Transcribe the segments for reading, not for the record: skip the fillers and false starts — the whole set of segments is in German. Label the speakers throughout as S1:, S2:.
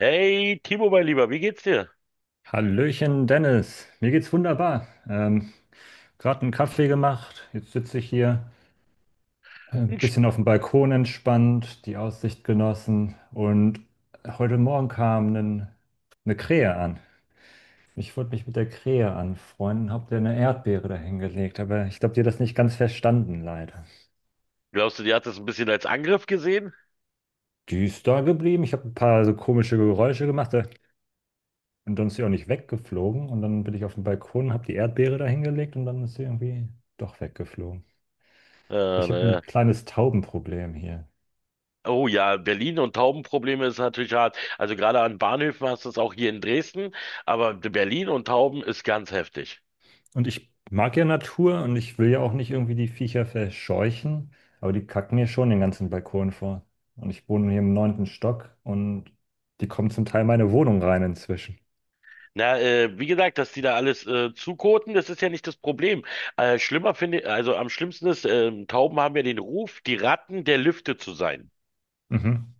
S1: Hey, Timo, mein Lieber, wie geht's dir?
S2: Hallöchen, Dennis. Mir geht's wunderbar. Gerade einen Kaffee gemacht. Jetzt sitze ich hier ein
S1: Mensch,
S2: bisschen auf dem Balkon entspannt, die Aussicht genossen. Und heute Morgen kam eine Krähe an. Ich wollte mich mit der Krähe anfreunden, hab dir eine Erdbeere dahingelegt, aber ich glaube, die hat das nicht ganz verstanden, leider.
S1: glaubst du, die hat das ein bisschen als Angriff gesehen?
S2: Die ist da geblieben. Ich habe ein paar so komische Geräusche gemacht, und dann ist sie auch nicht weggeflogen. Und dann bin ich auf dem Balkon, habe die Erdbeere dahingelegt und dann ist sie irgendwie doch weggeflogen.
S1: Äh,
S2: Ich habe ein
S1: naja.
S2: kleines Taubenproblem hier.
S1: Oh ja, Berlin und Taubenprobleme ist natürlich hart. Also gerade an Bahnhöfen hast du es auch hier in Dresden, aber Berlin und Tauben ist ganz heftig.
S2: Und ich mag ja Natur und ich will ja auch nicht irgendwie die Viecher verscheuchen, aber die kacken mir schon den ganzen Balkon vor. Und ich wohne hier im neunten Stock und die kommen zum Teil in meine Wohnung rein inzwischen.
S1: Na, wie gesagt, dass die da alles zukoten, das ist ja nicht das Problem. Schlimmer finde, also am schlimmsten ist, Tauben haben ja den Ruf, die Ratten der Lüfte zu sein.
S2: Mhm.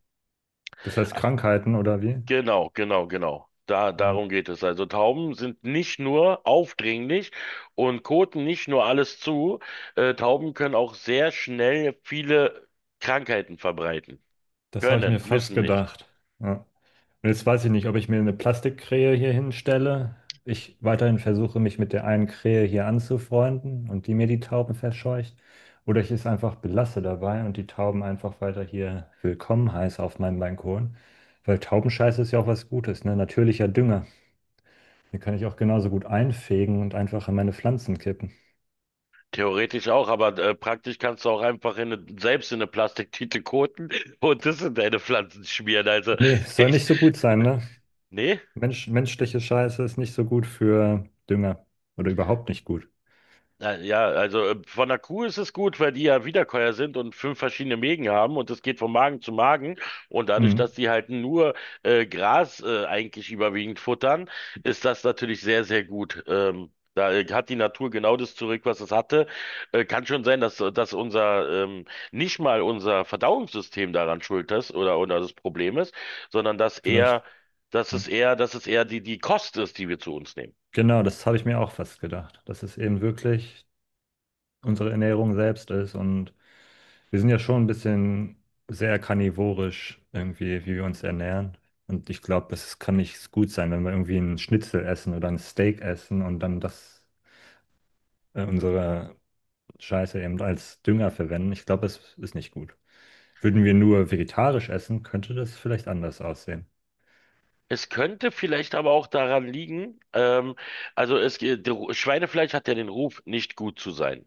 S2: Das heißt Krankheiten oder wie?
S1: Genau, genau, genau.
S2: Mhm.
S1: Darum geht es. Also Tauben sind nicht nur aufdringlich und koten nicht nur alles zu. Tauben können auch sehr schnell viele Krankheiten verbreiten.
S2: Das habe ich mir
S1: Können,
S2: fast
S1: müssen nicht.
S2: gedacht. Ja. Jetzt weiß ich nicht, ob ich mir eine Plastikkrähe hier hinstelle, ich weiterhin versuche, mich mit der einen Krähe hier anzufreunden und die mir die Tauben verscheucht. Oder ich es einfach belasse dabei und die Tauben einfach weiter hier willkommen heiße auf meinem Balkon. Weil Taubenscheiße ist ja auch was Gutes, ne? Natürlicher Dünger. Den kann ich auch genauso gut einfegen und einfach in meine Pflanzen kippen.
S1: Theoretisch auch, aber praktisch kannst du auch einfach selbst in eine Plastiktüte koten und das in deine Pflanzen schmieren. Also
S2: Nee, soll
S1: ich,
S2: nicht so gut sein, ne?
S1: nee.
S2: Mensch, menschliche Scheiße ist nicht so gut für Dünger. Oder überhaupt nicht gut.
S1: Na Ja, also von der Kuh ist es gut, weil die ja Wiederkäuer sind und fünf verschiedene Mägen haben und es geht von Magen zu Magen. Und dadurch,
S2: Hm,
S1: dass die halt nur Gras eigentlich überwiegend futtern, ist das natürlich sehr, sehr gut. Da hat die Natur genau das zurück, was es hatte. Kann schon sein, dass nicht mal unser Verdauungssystem daran schuld ist oder das Problem ist, sondern dass eher,
S2: vielleicht.
S1: dass
S2: Ja.
S1: es eher, dass es eher die Kost ist, die wir zu uns nehmen.
S2: Genau, das habe ich mir auch fast gedacht, dass es eben wirklich unsere Ernährung selbst ist und wir sind ja schon ein bisschen sehr karnivorisch irgendwie, wie wir uns ernähren. Und ich glaube, das kann nicht gut sein, wenn wir irgendwie einen Schnitzel essen oder ein Steak essen und dann das unsere Scheiße eben als Dünger verwenden. Ich glaube, das ist nicht gut. Würden wir nur vegetarisch essen, könnte das vielleicht anders aussehen.
S1: Es könnte vielleicht aber auch daran liegen, also es, geht- der Ru- Schweinefleisch hat ja den Ruf, nicht gut zu sein.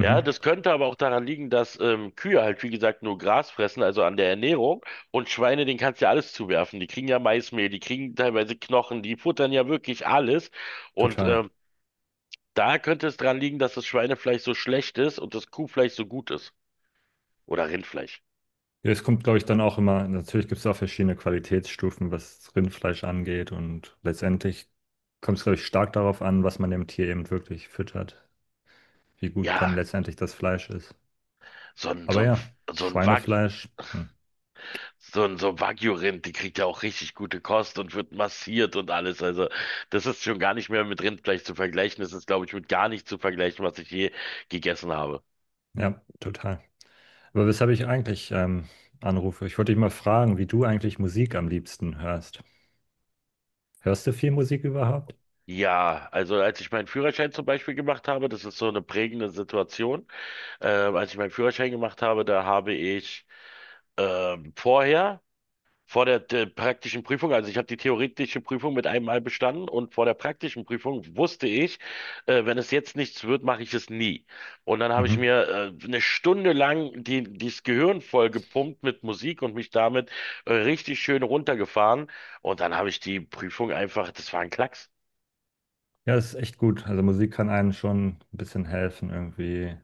S1: Ja, das könnte aber auch daran liegen, dass Kühe halt, wie gesagt, nur Gras fressen, also an der Ernährung. Und Schweine, denen kannst du ja alles zuwerfen. Die kriegen ja Maismehl, die kriegen teilweise Knochen, die futtern ja wirklich alles. Und
S2: total.
S1: da könnte es daran liegen, dass das Schweinefleisch so schlecht ist und das Kuhfleisch so gut ist. Oder Rindfleisch.
S2: Ja, es kommt, glaube ich, dann auch immer, natürlich gibt es auch verschiedene Qualitätsstufen, was Rindfleisch angeht und letztendlich kommt es, glaube ich, stark darauf an, was man dem Tier eben wirklich füttert, wie gut dann
S1: Ja,
S2: letztendlich das Fleisch ist.
S1: so ein, so
S2: Aber
S1: ein,
S2: ja,
S1: so ein Wag
S2: Schweinefleisch, hm,
S1: So ein so Wagyu-Rind, die kriegt ja auch richtig gute Kost und wird massiert und alles. Also das ist schon gar nicht mehr mit Rindfleisch zu vergleichen. Das ist, glaube ich, mit gar nicht zu vergleichen, was ich je gegessen habe.
S2: ja, total. Aber weshalb ich eigentlich anrufe, ich wollte dich mal fragen, wie du eigentlich Musik am liebsten hörst. Hörst du viel Musik überhaupt?
S1: Ja, also als ich meinen Führerschein zum Beispiel gemacht habe, das ist so eine prägende Situation. Als ich meinen Führerschein gemacht habe, da habe ich vorher vor der praktischen Prüfung, also ich habe die theoretische Prüfung mit einem Mal bestanden und vor der praktischen Prüfung wusste ich, wenn es jetzt nichts wird, mache ich es nie. Und dann habe ich
S2: Mhm.
S1: mir eine Stunde lang dieses Gehirn voll gepumpt mit Musik und mich damit richtig schön runtergefahren. Und dann habe ich die Prüfung einfach, das war ein Klacks.
S2: Ja, das ist echt gut. Also Musik kann einem schon ein bisschen helfen, irgendwie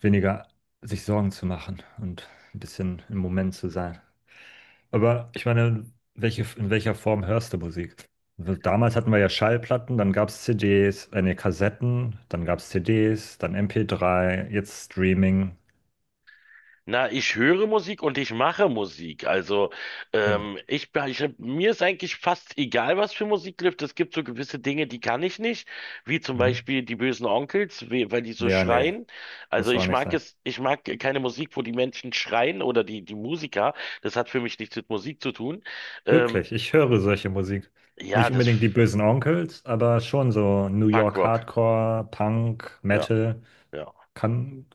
S2: weniger sich Sorgen zu machen und ein bisschen im Moment zu sein. Aber ich meine, welche, in welcher Form hörst du Musik? Also damals hatten wir ja Schallplatten, dann gab es CDs, Kassetten, dann gab es CDs, dann MP3, jetzt Streaming.
S1: Na, ich höre Musik und ich mache Musik. Also,
S2: Stimmt.
S1: mir ist eigentlich fast egal, was für Musik läuft. Es gibt so gewisse Dinge, die kann ich nicht, wie zum
S2: Mhm.
S1: Beispiel die bösen Onkels, weil die so
S2: Ja, nee,
S1: schreien. Also
S2: muss auch
S1: ich
S2: nicht
S1: mag
S2: sein.
S1: es, ich mag keine Musik, wo die Menschen schreien oder die Musiker. Das hat für mich nichts mit Musik zu tun. Ähm,
S2: Wirklich, ich höre solche Musik.
S1: ja,
S2: Nicht
S1: das
S2: unbedingt die bösen Onkels, aber schon so New York
S1: Punkrock.
S2: Hardcore, Punk,
S1: Ja,
S2: Metal.
S1: ja.
S2: Kann,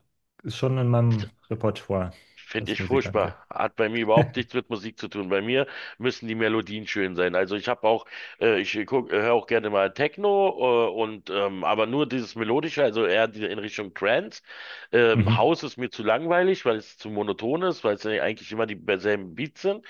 S2: ist schon in meinem Repertoire,
S1: Finde
S2: was
S1: ich
S2: Musik angeht.
S1: furchtbar. Hat bei mir überhaupt nichts mit Musik zu tun. Bei mir müssen die Melodien schön sein. Also ich habe auch, höre auch gerne mal Techno, und aber nur dieses Melodische, also in Richtung Trance.
S2: Mhm.
S1: House ist mir zu langweilig, weil es zu monoton ist, weil es ja eigentlich immer die selben Beats sind.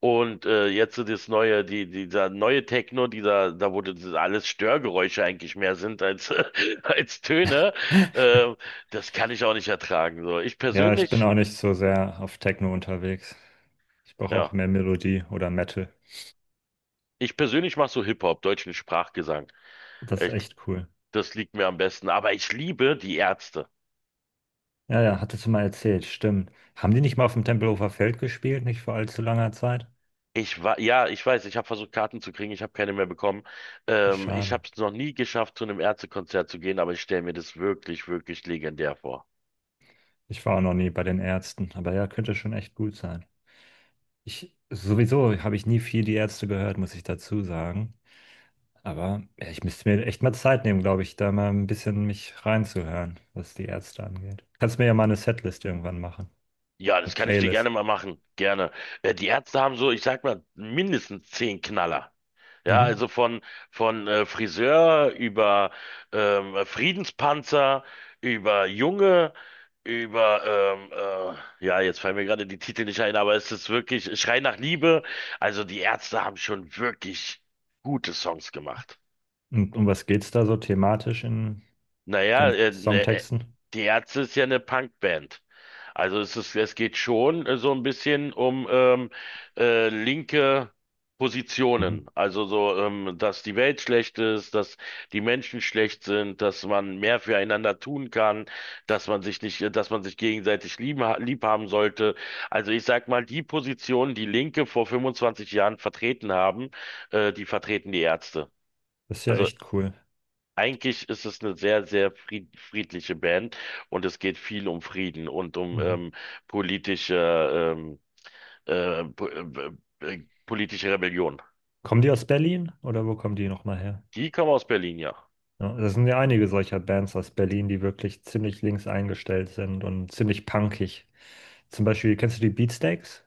S1: Und jetzt so das dieser neue Techno, da wurde das alles Störgeräusche eigentlich mehr sind als als Töne. Äh, das kann ich auch nicht ertragen. So, ich
S2: Ja, ich bin
S1: persönlich.
S2: auch nicht so sehr auf Techno unterwegs. Ich brauche auch
S1: Ja.
S2: mehr Melodie oder Metal.
S1: Ich persönlich mache so Hip-Hop, deutschen Sprachgesang.
S2: Das ist
S1: Ich,
S2: echt cool.
S1: das liegt mir am besten. Aber ich liebe die Ärzte.
S2: Ja, ja, hattest du mal erzählt, stimmt. Haben die nicht mal auf dem Tempelhofer Feld gespielt, nicht vor allzu langer Zeit?
S1: Ich war, ja, ich weiß, ich habe versucht, Karten zu kriegen, ich habe keine mehr bekommen.
S2: Wie
S1: Ich
S2: schade.
S1: habe es noch nie geschafft, zu einem Ärztekonzert zu gehen, aber ich stelle mir das wirklich, wirklich legendär vor.
S2: Ich war auch noch nie bei den Ärzten, aber ja, könnte schon echt gut sein. Ich, sowieso habe ich nie viel die Ärzte gehört, muss ich dazu sagen. Aber ja, ich müsste mir echt mal Zeit nehmen, glaube ich, da mal ein bisschen mich reinzuhören, was die Ärzte angeht. Kannst mir ja mal eine Setlist irgendwann machen.
S1: Ja, das
S2: Eine
S1: kann ich dir gerne
S2: Playlist.
S1: mal machen. Gerne. Die Ärzte haben so, ich sag mal, mindestens 10 Knaller. Ja,
S2: Mhm.
S1: also von Friseur über Friedenspanzer, über Junge, über, ähm, ja, jetzt fallen mir gerade die Titel nicht ein, aber es ist wirklich Schrei nach Liebe. Also die Ärzte haben schon wirklich gute Songs gemacht.
S2: Und um was geht's da so thematisch in
S1: Naja,
S2: den
S1: ne,
S2: Songtexten?
S1: die Ärzte ist ja eine Punkband. Also es geht schon so ein bisschen um linke
S2: Mhm.
S1: Positionen. Also so, dass die Welt schlecht ist, dass die Menschen schlecht sind, dass man mehr füreinander tun kann, dass man sich nicht, dass man sich gegenseitig lieben, lieb haben sollte. Also ich sag mal, die Positionen, die Linke vor 25 Jahren vertreten haben, die vertreten die Ärzte.
S2: Das ist ja
S1: Also
S2: echt cool.
S1: eigentlich ist es eine sehr, sehr friedliche Band und es geht viel um Frieden und um
S2: Mhm.
S1: politische, po politische Rebellion.
S2: Kommen die aus Berlin oder wo kommen die nochmal her?
S1: Die kommen aus Berlin, ja.
S2: Ja, das sind ja einige solcher Bands aus Berlin, die wirklich ziemlich links eingestellt sind und ziemlich punkig. Zum Beispiel, kennst du die Beatsteaks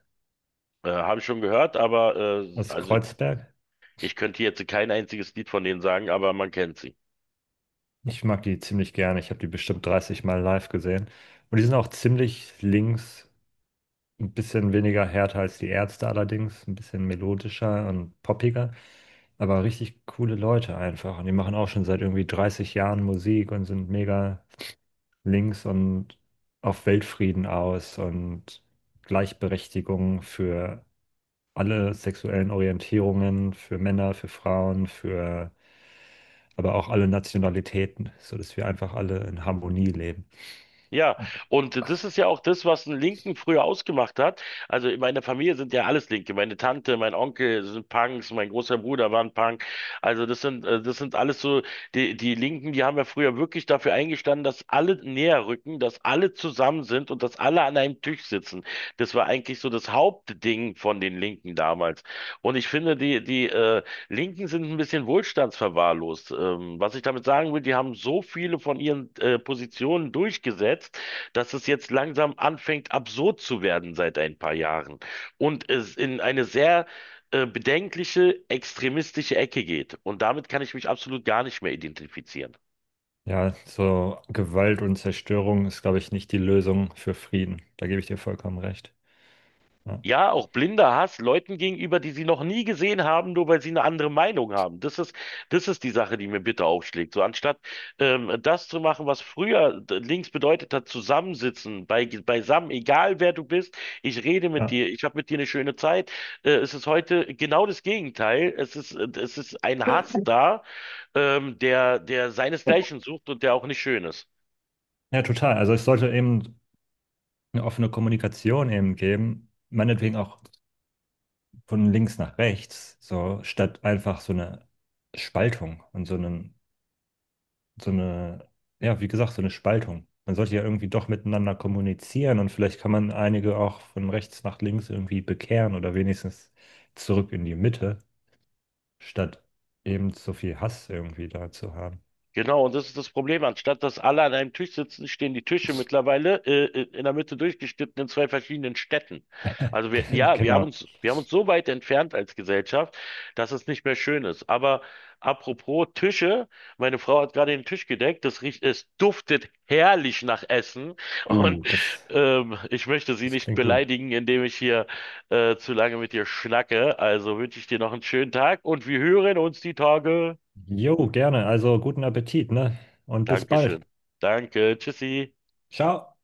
S1: Habe ich schon gehört, aber
S2: aus
S1: also
S2: Kreuzberg?
S1: ich könnte jetzt kein einziges Lied von denen sagen, aber man kennt sie.
S2: Ich mag die ziemlich gerne. Ich habe die bestimmt 30 Mal live gesehen. Und die sind auch ziemlich links, ein bisschen weniger härter als die Ärzte allerdings, ein bisschen melodischer und poppiger, aber richtig coole Leute einfach. Und die machen auch schon seit irgendwie 30 Jahren Musik und sind mega links und auf Weltfrieden aus und Gleichberechtigung für alle sexuellen Orientierungen, für Männer, für Frauen, für aber auch alle Nationalitäten, sodass wir einfach alle in Harmonie leben.
S1: Ja, und das ist ja auch das, was einen Linken früher ausgemacht hat. Also in meiner Familie sind ja alles Linke. Meine Tante, mein Onkel sind Punks, mein großer Bruder war ein Punk. Also das sind alles so, die Linken, die haben ja früher wirklich dafür eingestanden, dass alle näher rücken, dass alle zusammen sind und dass alle an einem Tisch sitzen. Das war eigentlich so das Hauptding von den Linken damals. Und ich finde, die Linken sind ein bisschen wohlstandsverwahrlost. Was ich damit sagen will, die haben so viele von ihren Positionen durchgesetzt, dass es jetzt langsam anfängt, absurd zu werden seit ein paar Jahren und es in eine sehr bedenkliche, extremistische Ecke geht. Und damit kann ich mich absolut gar nicht mehr identifizieren.
S2: Ja, so Gewalt und Zerstörung ist, glaube ich, nicht die Lösung für Frieden. Da gebe ich dir vollkommen recht. Ja,
S1: Ja, auch blinder Hass Leuten gegenüber, die sie noch nie gesehen haben, nur weil sie eine andere Meinung haben. Das ist die Sache, die mir bitter aufschlägt. So anstatt das zu machen, was früher links bedeutet hat, zusammensitzen, beisammen, egal wer du bist, ich rede mit
S2: ja.
S1: dir, ich habe mit dir eine schöne Zeit. Es ist heute genau das Gegenteil. Es ist ein Hass da, der seinesgleichen sucht und der auch nicht schön ist.
S2: Ja, total. Also es sollte eben eine offene Kommunikation eben geben, meinetwegen auch von links nach rechts, so statt einfach so eine Spaltung und so einen, so eine, ja, wie gesagt, so eine Spaltung. Man sollte ja irgendwie doch miteinander kommunizieren und vielleicht kann man einige auch von rechts nach links irgendwie bekehren oder wenigstens zurück in die Mitte, statt eben so viel Hass irgendwie da zu haben.
S1: Genau, und das ist das Problem. Anstatt dass alle an einem Tisch sitzen, stehen die Tische mittlerweile in der Mitte durchgeschnitten in zwei verschiedenen Städten. Ja,
S2: Genau.
S1: wir haben uns so weit entfernt als Gesellschaft, dass es nicht mehr schön ist. Aber apropos Tische, meine Frau hat gerade den Tisch gedeckt. Es duftet herrlich nach Essen. Und
S2: Oh, das,
S1: ich möchte sie
S2: das
S1: nicht
S2: klingt gut.
S1: beleidigen, indem ich hier zu lange mit dir schnacke. Also wünsche ich dir noch einen schönen Tag und wir hören uns die Tage.
S2: Jo, gerne. Also guten Appetit, ne? Und bis bald.
S1: Dankeschön. Danke. Tschüssi.
S2: Ciao.